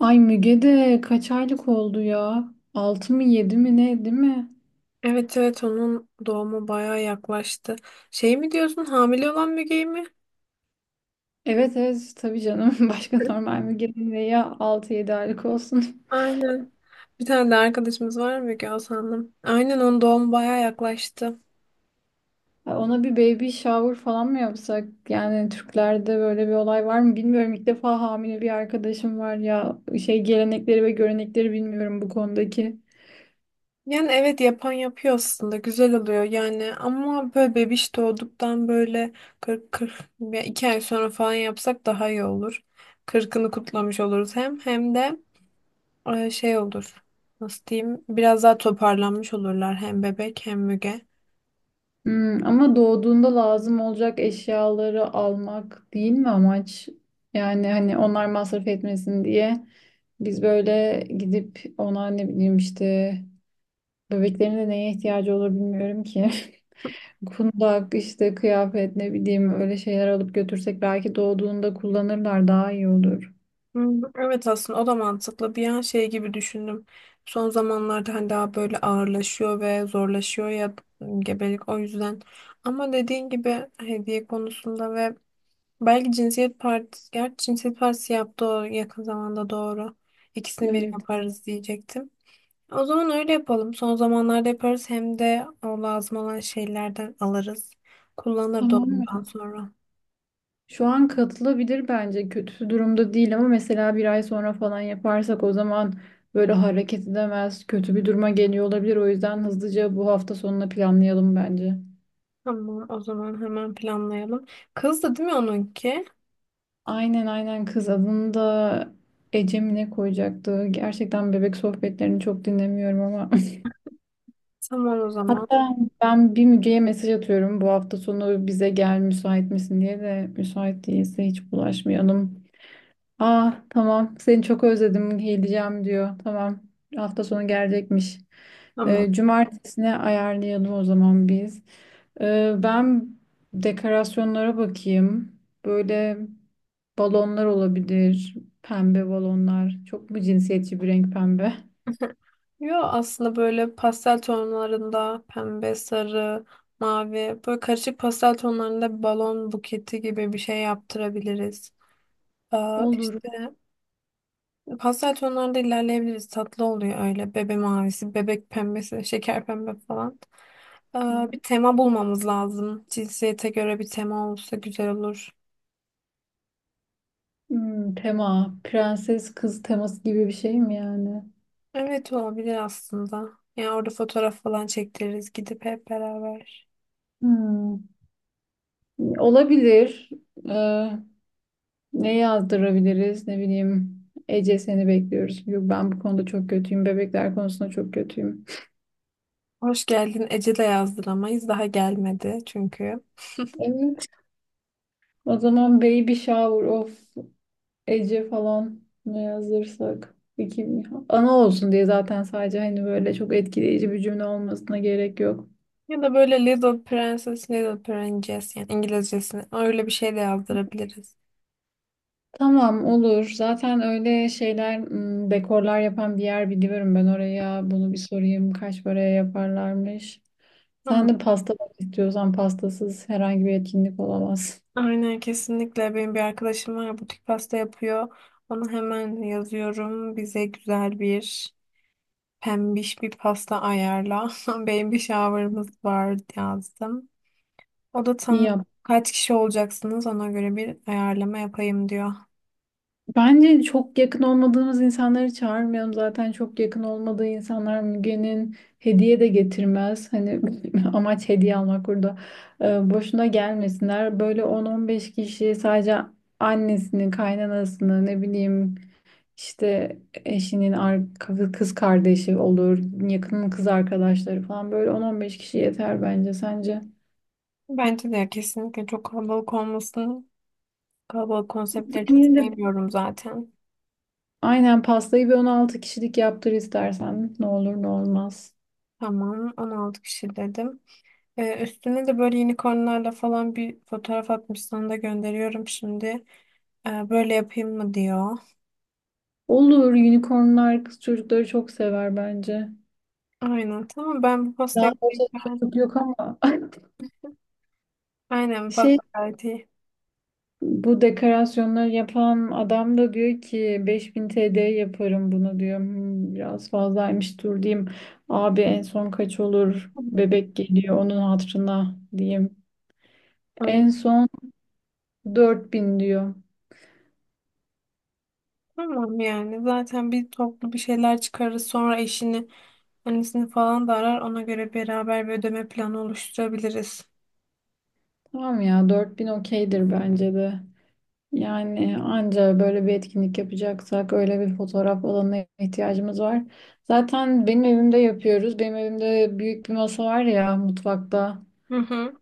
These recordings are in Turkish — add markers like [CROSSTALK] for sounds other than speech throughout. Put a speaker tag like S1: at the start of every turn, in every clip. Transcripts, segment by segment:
S1: Ay Müge de kaç aylık oldu ya? 6 mı 7 mi ne değil mi?
S2: Evet evet, onun doğumu bayağı yaklaştı. Şey mi diyorsun, hamile olan Müge'yi mi?
S1: Evet, evet, tabii canım. [LAUGHS] Başka normal Müge'nin de ya altı yedi aylık olsun. [LAUGHS]
S2: Aynen. Bir tane de arkadaşımız var, Müge Hasan'ın. Aynen, onun doğumu bayağı yaklaştı.
S1: Ay, ona bir baby shower falan mı yapsak? Yani Türklerde böyle bir olay var mı bilmiyorum. İlk defa hamile bir arkadaşım var ya. Şey, gelenekleri ve görenekleri bilmiyorum bu konudaki.
S2: Yani evet, yapan yapıyor aslında, güzel oluyor yani, ama böyle bebiş doğduktan böyle 40, kırk ya 2 ay sonra falan yapsak daha iyi olur. Kırkını kutlamış oluruz, hem de şey olur, nasıl diyeyim, biraz daha toparlanmış olurlar, hem bebek hem Müge.
S1: Ama doğduğunda lazım olacak eşyaları almak değil mi amaç? Yani hani onlar masraf etmesin diye biz böyle gidip ona ne bileyim işte bebeklerin de neye ihtiyacı olur bilmiyorum ki. [LAUGHS] Kundak işte, kıyafet, ne bileyim, öyle şeyler alıp götürsek belki doğduğunda kullanırlar, daha iyi olur.
S2: Hmm, evet, aslında o da mantıklı. Bir an şey gibi düşündüm. Son zamanlarda hani daha böyle ağırlaşıyor ve zorlaşıyor ya gebelik, o yüzden. Ama dediğin gibi hediye konusunda ve belki cinsiyet partisi, gerçi cinsiyet partisi yaptı o yakın zamanda, doğru. İkisini bir
S1: Evet. Evet.
S2: yaparız diyecektim. O zaman öyle yapalım. Son zamanlarda yaparız, hem de o lazım olan şeylerden alırız. Kullanır da ondan
S1: Tamam.
S2: sonra.
S1: Şu an katılabilir bence. Kötü durumda değil, ama mesela bir ay sonra falan yaparsak o zaman böyle hareket edemez, kötü bir duruma geliyor olabilir. O yüzden hızlıca bu hafta sonuna planlayalım bence.
S2: Tamam, o zaman hemen planlayalım. Kızdı değil mi onunki?
S1: Aynen, aynen, kız. Adını da Ece mi ne koyacaktı? Gerçekten bebek sohbetlerini çok dinlemiyorum ama.
S2: Tamam o
S1: [LAUGHS]
S2: zaman.
S1: Hatta ben bir Müge'ye mesaj atıyorum, bu hafta sonu bize gel müsait misin diye, de müsait değilse hiç bulaşmayalım. Aa, tamam, seni çok özledim geleceğim diyor. Tamam, hafta sonu gelecekmiş.
S2: Tamam.
S1: Cumartesine ayarlayalım o zaman biz. Ben dekorasyonlara bakayım. Böyle balonlar olabilir. Pembe balonlar. Çok mu cinsiyetçi bir renk pembe?
S2: [LAUGHS] Yo, aslında böyle pastel tonlarında pembe, sarı, mavi, böyle karışık pastel tonlarında bir balon buketi gibi bir şey yaptırabiliriz. Aa,
S1: Olur.
S2: işte pastel tonlarda ilerleyebiliriz. Tatlı oluyor öyle. Bebe mavisi, bebek pembesi, şeker pembe falan. Aa, bir tema bulmamız lazım. Cinsiyete göre bir tema olsa güzel olur.
S1: Tema. Prenses kız teması gibi bir şey mi yani?
S2: Evet, olabilir aslında. Yani orada fotoğraf falan çektiririz gidip hep beraber.
S1: Hmm, Olabilir. Ee, Ne yazdırabiliriz? Ne bileyim. Ece seni bekliyoruz. Yok, ben bu konuda çok kötüyüm. Bebekler konusunda çok kötüyüm.
S2: Hoş geldin Ece de yazdıramayız. Daha gelmedi çünkü. [LAUGHS]
S1: Evet. O zaman baby shower of Ece falan ne yazdırsak. İki, ana olsun diye zaten, sadece hani böyle çok etkileyici bir cümle olmasına gerek yok.
S2: Ya da böyle Little Princess, Little Princess, yani İngilizcesini, öyle bir şey de yazdırabiliriz.
S1: Tamam, olur. Zaten öyle şeyler dekorlar yapan bir yer biliyorum ben, oraya. Bunu bir sorayım. Kaç paraya yaparlarmış? Sen
S2: Ama
S1: de pasta bak istiyorsan, pastasız herhangi bir etkinlik olamaz.
S2: aynen, kesinlikle, benim bir arkadaşım var, butik pasta yapıyor. Onu hemen yazıyorum. Bize güzel bir pembiş bir pasta ayarla. [LAUGHS] Benim bir shower'ımız var yazdım. O da tamam.
S1: Ya
S2: Kaç kişi olacaksınız, ona göre bir ayarlama yapayım diyor.
S1: bence çok yakın olmadığımız insanları çağırmayalım. Zaten çok yakın olmadığı insanlar Müge'nin hediye de getirmez. Hani [LAUGHS] amaç hediye almak burada. Boşuna gelmesinler. Böyle 10-15 kişi sadece; annesini, kaynanasını, ne bileyim işte, eşinin kız kardeşi olur, yakının kız arkadaşları falan, böyle 10-15 kişi yeter bence, sence.
S2: Bence de, kesinlikle, çok kalabalık olmasın. Kalabalık konseptleri çok
S1: Yine de
S2: sevmiyorum zaten.
S1: aynen pastayı bir 16 kişilik yaptır istersen. Ne olur ne olmaz.
S2: Tamam, 16 kişi dedim. Üstüne de böyle unicornlarla falan bir fotoğraf atmış, sana da gönderiyorum şimdi. Böyle yapayım mı diyor.
S1: Olur, unicornlar kız çocukları çok sever bence.
S2: Aynen. Tamam, ben bu
S1: Daha
S2: pastayı
S1: fazla çocuk
S2: beğendim.
S1: yok ama. [LAUGHS]
S2: Aynen, bak,
S1: Şey,
S2: gayet iyi.
S1: bu dekorasyonları yapan adam da diyor ki 5.000 TL yaparım bunu diyor. Biraz fazlaymış, dur diyeyim. Abi en son kaç olur? Bebek geliyor onun hatırına diyeyim.
S2: Aynen.
S1: En son 4.000 diyor.
S2: Tamam, yani zaten bir toplu bir şeyler çıkarırız, sonra eşini, annesini falan da arar, ona göre beraber bir ödeme planı oluşturabiliriz.
S1: Tamam ya, 4.000 okeydir bence de. Yani anca böyle bir etkinlik yapacaksak öyle bir fotoğraf alanına ihtiyacımız var. Zaten benim evimde yapıyoruz. Benim evimde büyük bir masa var ya mutfakta.
S2: Hı hı.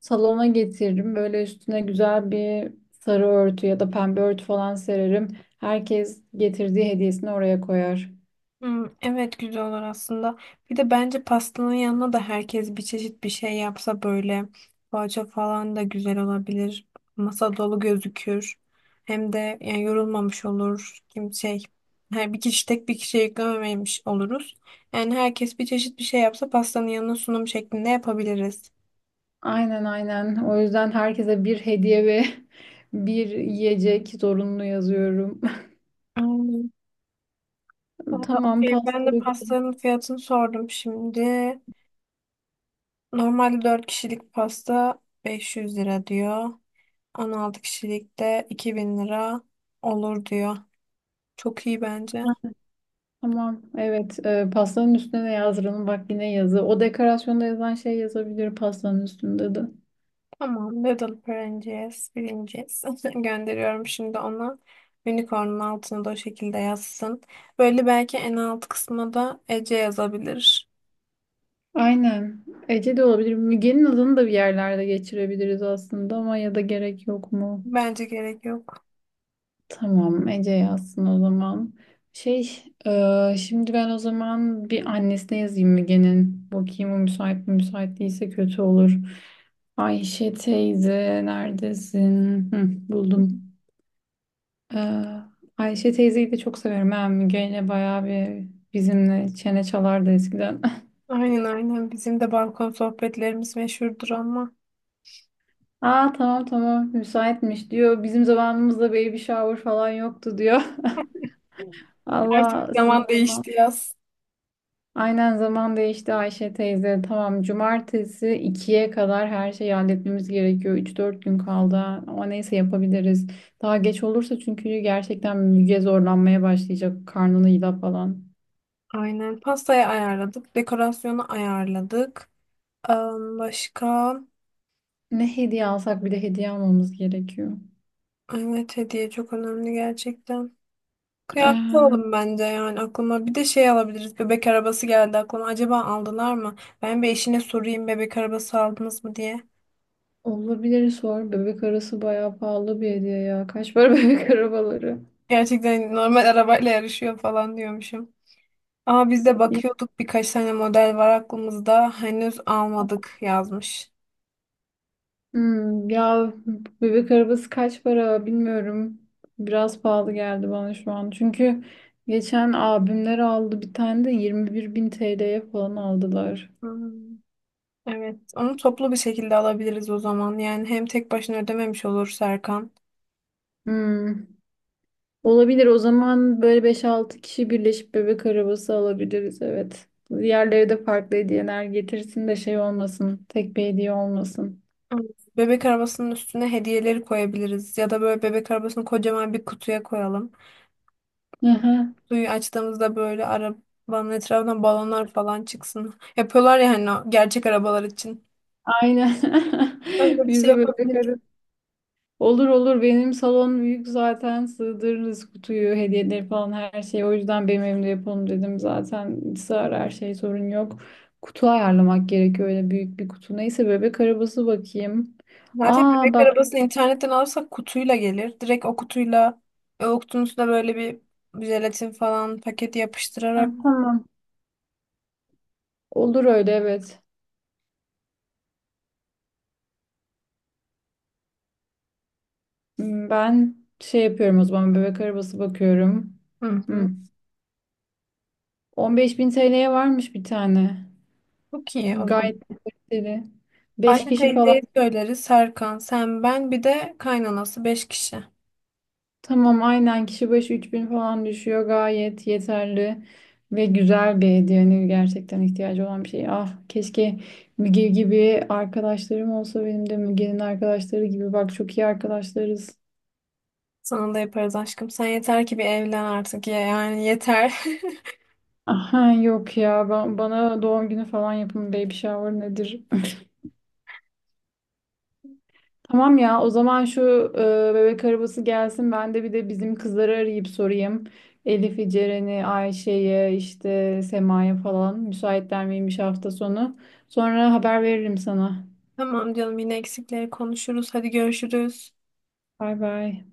S1: Salona getiririm. Böyle üstüne güzel bir sarı örtü ya da pembe örtü falan sererim. Herkes getirdiği hediyesini oraya koyar.
S2: Hmm, evet, güzel olur aslında. Bir de bence pastanın yanına da herkes bir çeşit bir şey yapsa, böyle poğaça falan da güzel olabilir. Masa dolu gözükür. Hem de yani yorulmamış olur. Kim şey Her bir kişi, tek bir kişiye yüklememiş oluruz. Yani herkes bir çeşit bir şey yapsa, pastanın yanına sunum şeklinde yapabiliriz.
S1: Aynen, aynen. O yüzden herkese bir hediye ve [LAUGHS] bir yiyecek zorunlu yazıyorum.
S2: Hmm.
S1: [LAUGHS]
S2: Aa,
S1: Tamam,
S2: okey. Ben
S1: pasta.
S2: de pastanın fiyatını sordum şimdi. Normalde 4 kişilik pasta 500 lira diyor. 16 kişilik de 2.000 lira olur diyor. Çok iyi bence.
S1: Tamam, evet. Pastanın üstüne de yazdıralım. Bak, yine yazı. O dekorasyonda yazan şey yazabilir pastanın üstünde de.
S2: Tamam, noodle öğreneceğiz, bileceğiz. [LAUGHS] Gönderiyorum şimdi ona. Unicorn'un altına da o şekilde yazsın. Böyle belki en alt kısma da Ece yazabilir.
S1: Aynen. Ece de olabilir. Müge'nin adını da bir yerlerde geçirebiliriz aslında, ama ya da gerek yok mu?
S2: Bence gerek yok.
S1: Tamam, Ece yazsın o zaman. Şey, Şimdi ben o zaman bir annesine yazayım Müge'nin. Bakayım o müsait mi? Müsait değilse kötü olur. Ayşe teyze neredesin? Hı, Buldum. Ee, Ayşe teyzeyi de çok severim. Ben Müge ile bayağı bir bizimle çene çalardı eskiden. [LAUGHS]
S2: Aynen aynen, bizim de balkon sohbetlerimiz meşhurdur, ama
S1: Aa, tamam, tamam, müsaitmiş diyor. Bizim zamanımızda baby shower falan yoktu diyor. [LAUGHS]
S2: artık
S1: Allah sizin
S2: zaman
S1: zaman.
S2: değişti yaz.
S1: Aynen, zaman değişti Ayşe teyze. Tamam, cumartesi 2'ye kadar her şeyi halletmemiz gerekiyor. Üç dört gün kaldı ama neyse yapabiliriz. Daha geç olursa çünkü gerçekten Müge zorlanmaya başlayacak. Karnını yila falan.
S2: Aynen pastayı ayarladık, dekorasyonu ayarladık. Başka?
S1: Ne hediye alsak, bir de hediye almamız gerekiyor.
S2: Evet, hediye çok önemli gerçekten. Kıyafet
S1: Ee,
S2: alalım bence, yani aklıma. Bir de şey alabiliriz. Bebek arabası geldi aklıma. Acaba aldılar mı? Ben bir eşine sorayım, bebek arabası aldınız mı diye.
S1: Olabilir, sor. Bebek arası bayağı pahalı bir hediye ya. Kaç para [LAUGHS] bebek arabaları?
S2: Gerçekten normal [LAUGHS] arabayla yarışıyor falan diyormuşum. Ama biz de
S1: Ya,
S2: bakıyorduk, birkaç tane model var aklımızda. Henüz almadık yazmış.
S1: ya bebek arabası kaç para bilmiyorum. Biraz pahalı geldi bana şu an. Çünkü geçen abimler aldı bir tane de 21 bin TL'ye falan aldılar.
S2: Hmm, evet, onu toplu bir şekilde alabiliriz o zaman. Yani hem tek başına ödememiş olur Serkan.
S1: Hmm, Olabilir o zaman böyle beş altı kişi birleşip bebek arabası alabiliriz evet. Diğerleri de farklı hediyeler getirsin de şey olmasın. Tek bir hediye olmasın.
S2: Hmm. Bebek arabasının üstüne hediyeleri koyabiliriz, ya da böyle bebek arabasını kocaman bir kutuya koyalım. Hmm.
S1: [LAUGHS]
S2: Kutuyu açtığımızda böyle arabanın etrafından balonlar falan çıksın. Yapıyorlar ya hani, o gerçek arabalar için.
S1: Aynen.
S2: Öyle
S1: [LAUGHS]
S2: bir şey
S1: Bize böyle
S2: yapabiliriz.
S1: karı. Olur, olur, benim salon büyük zaten, sığdırırız kutuyu, hediyeleri falan her şeyi. O yüzden benim evimde yapalım dedim. Zaten sığar her şey, sorun yok. Kutu ayarlamak gerekiyor, öyle büyük bir kutu. Neyse bebek arabası bakayım.
S2: Zaten
S1: Aa,
S2: bebek
S1: bak.
S2: arabasını internetten alırsak kutuyla gelir. Direkt o kutuyla, o kutunun üstüne böyle bir jelatin falan paketi
S1: Ha,
S2: yapıştırarak.
S1: tamam, olur öyle evet. Ben şey yapıyorum o zaman, bebek arabası bakıyorum.
S2: Hı hı.
S1: Hmm. 15.000 TL'ye varmış bir tane.
S2: Çok iyi o zaman.
S1: Gayet kaliteli. Beş
S2: Ayşe
S1: kişi falan.
S2: teyzeye söyleriz. Serkan, sen, ben, bir de kaynanası. 5 kişi.
S1: Tamam, aynen kişi başı 3.000 falan düşüyor, gayet yeterli ve güzel bir hediye, yani gerçekten ihtiyacı olan bir şey. Ah keşke Müge gibi arkadaşlarım olsa benim de, Müge'nin arkadaşları gibi; bak çok iyi arkadaşlarız.
S2: Sana da yaparız aşkım. Sen yeter ki bir evlen artık ya. Yani yeter.
S1: Aha, yok ya, ben, bana doğum günü falan yapın, baby shower nedir. Tamam ya, o zaman şu bebek arabası gelsin, ben de bir de bizim kızları arayıp sorayım. Elif'i, Ceren'i, Ayşe'yi, işte Sema'ya falan müsaitler miymiş hafta sonu. Sonra haber veririm sana.
S2: [LAUGHS] Tamam canım, yine eksikleri konuşuruz. Hadi görüşürüz.
S1: Bay bay.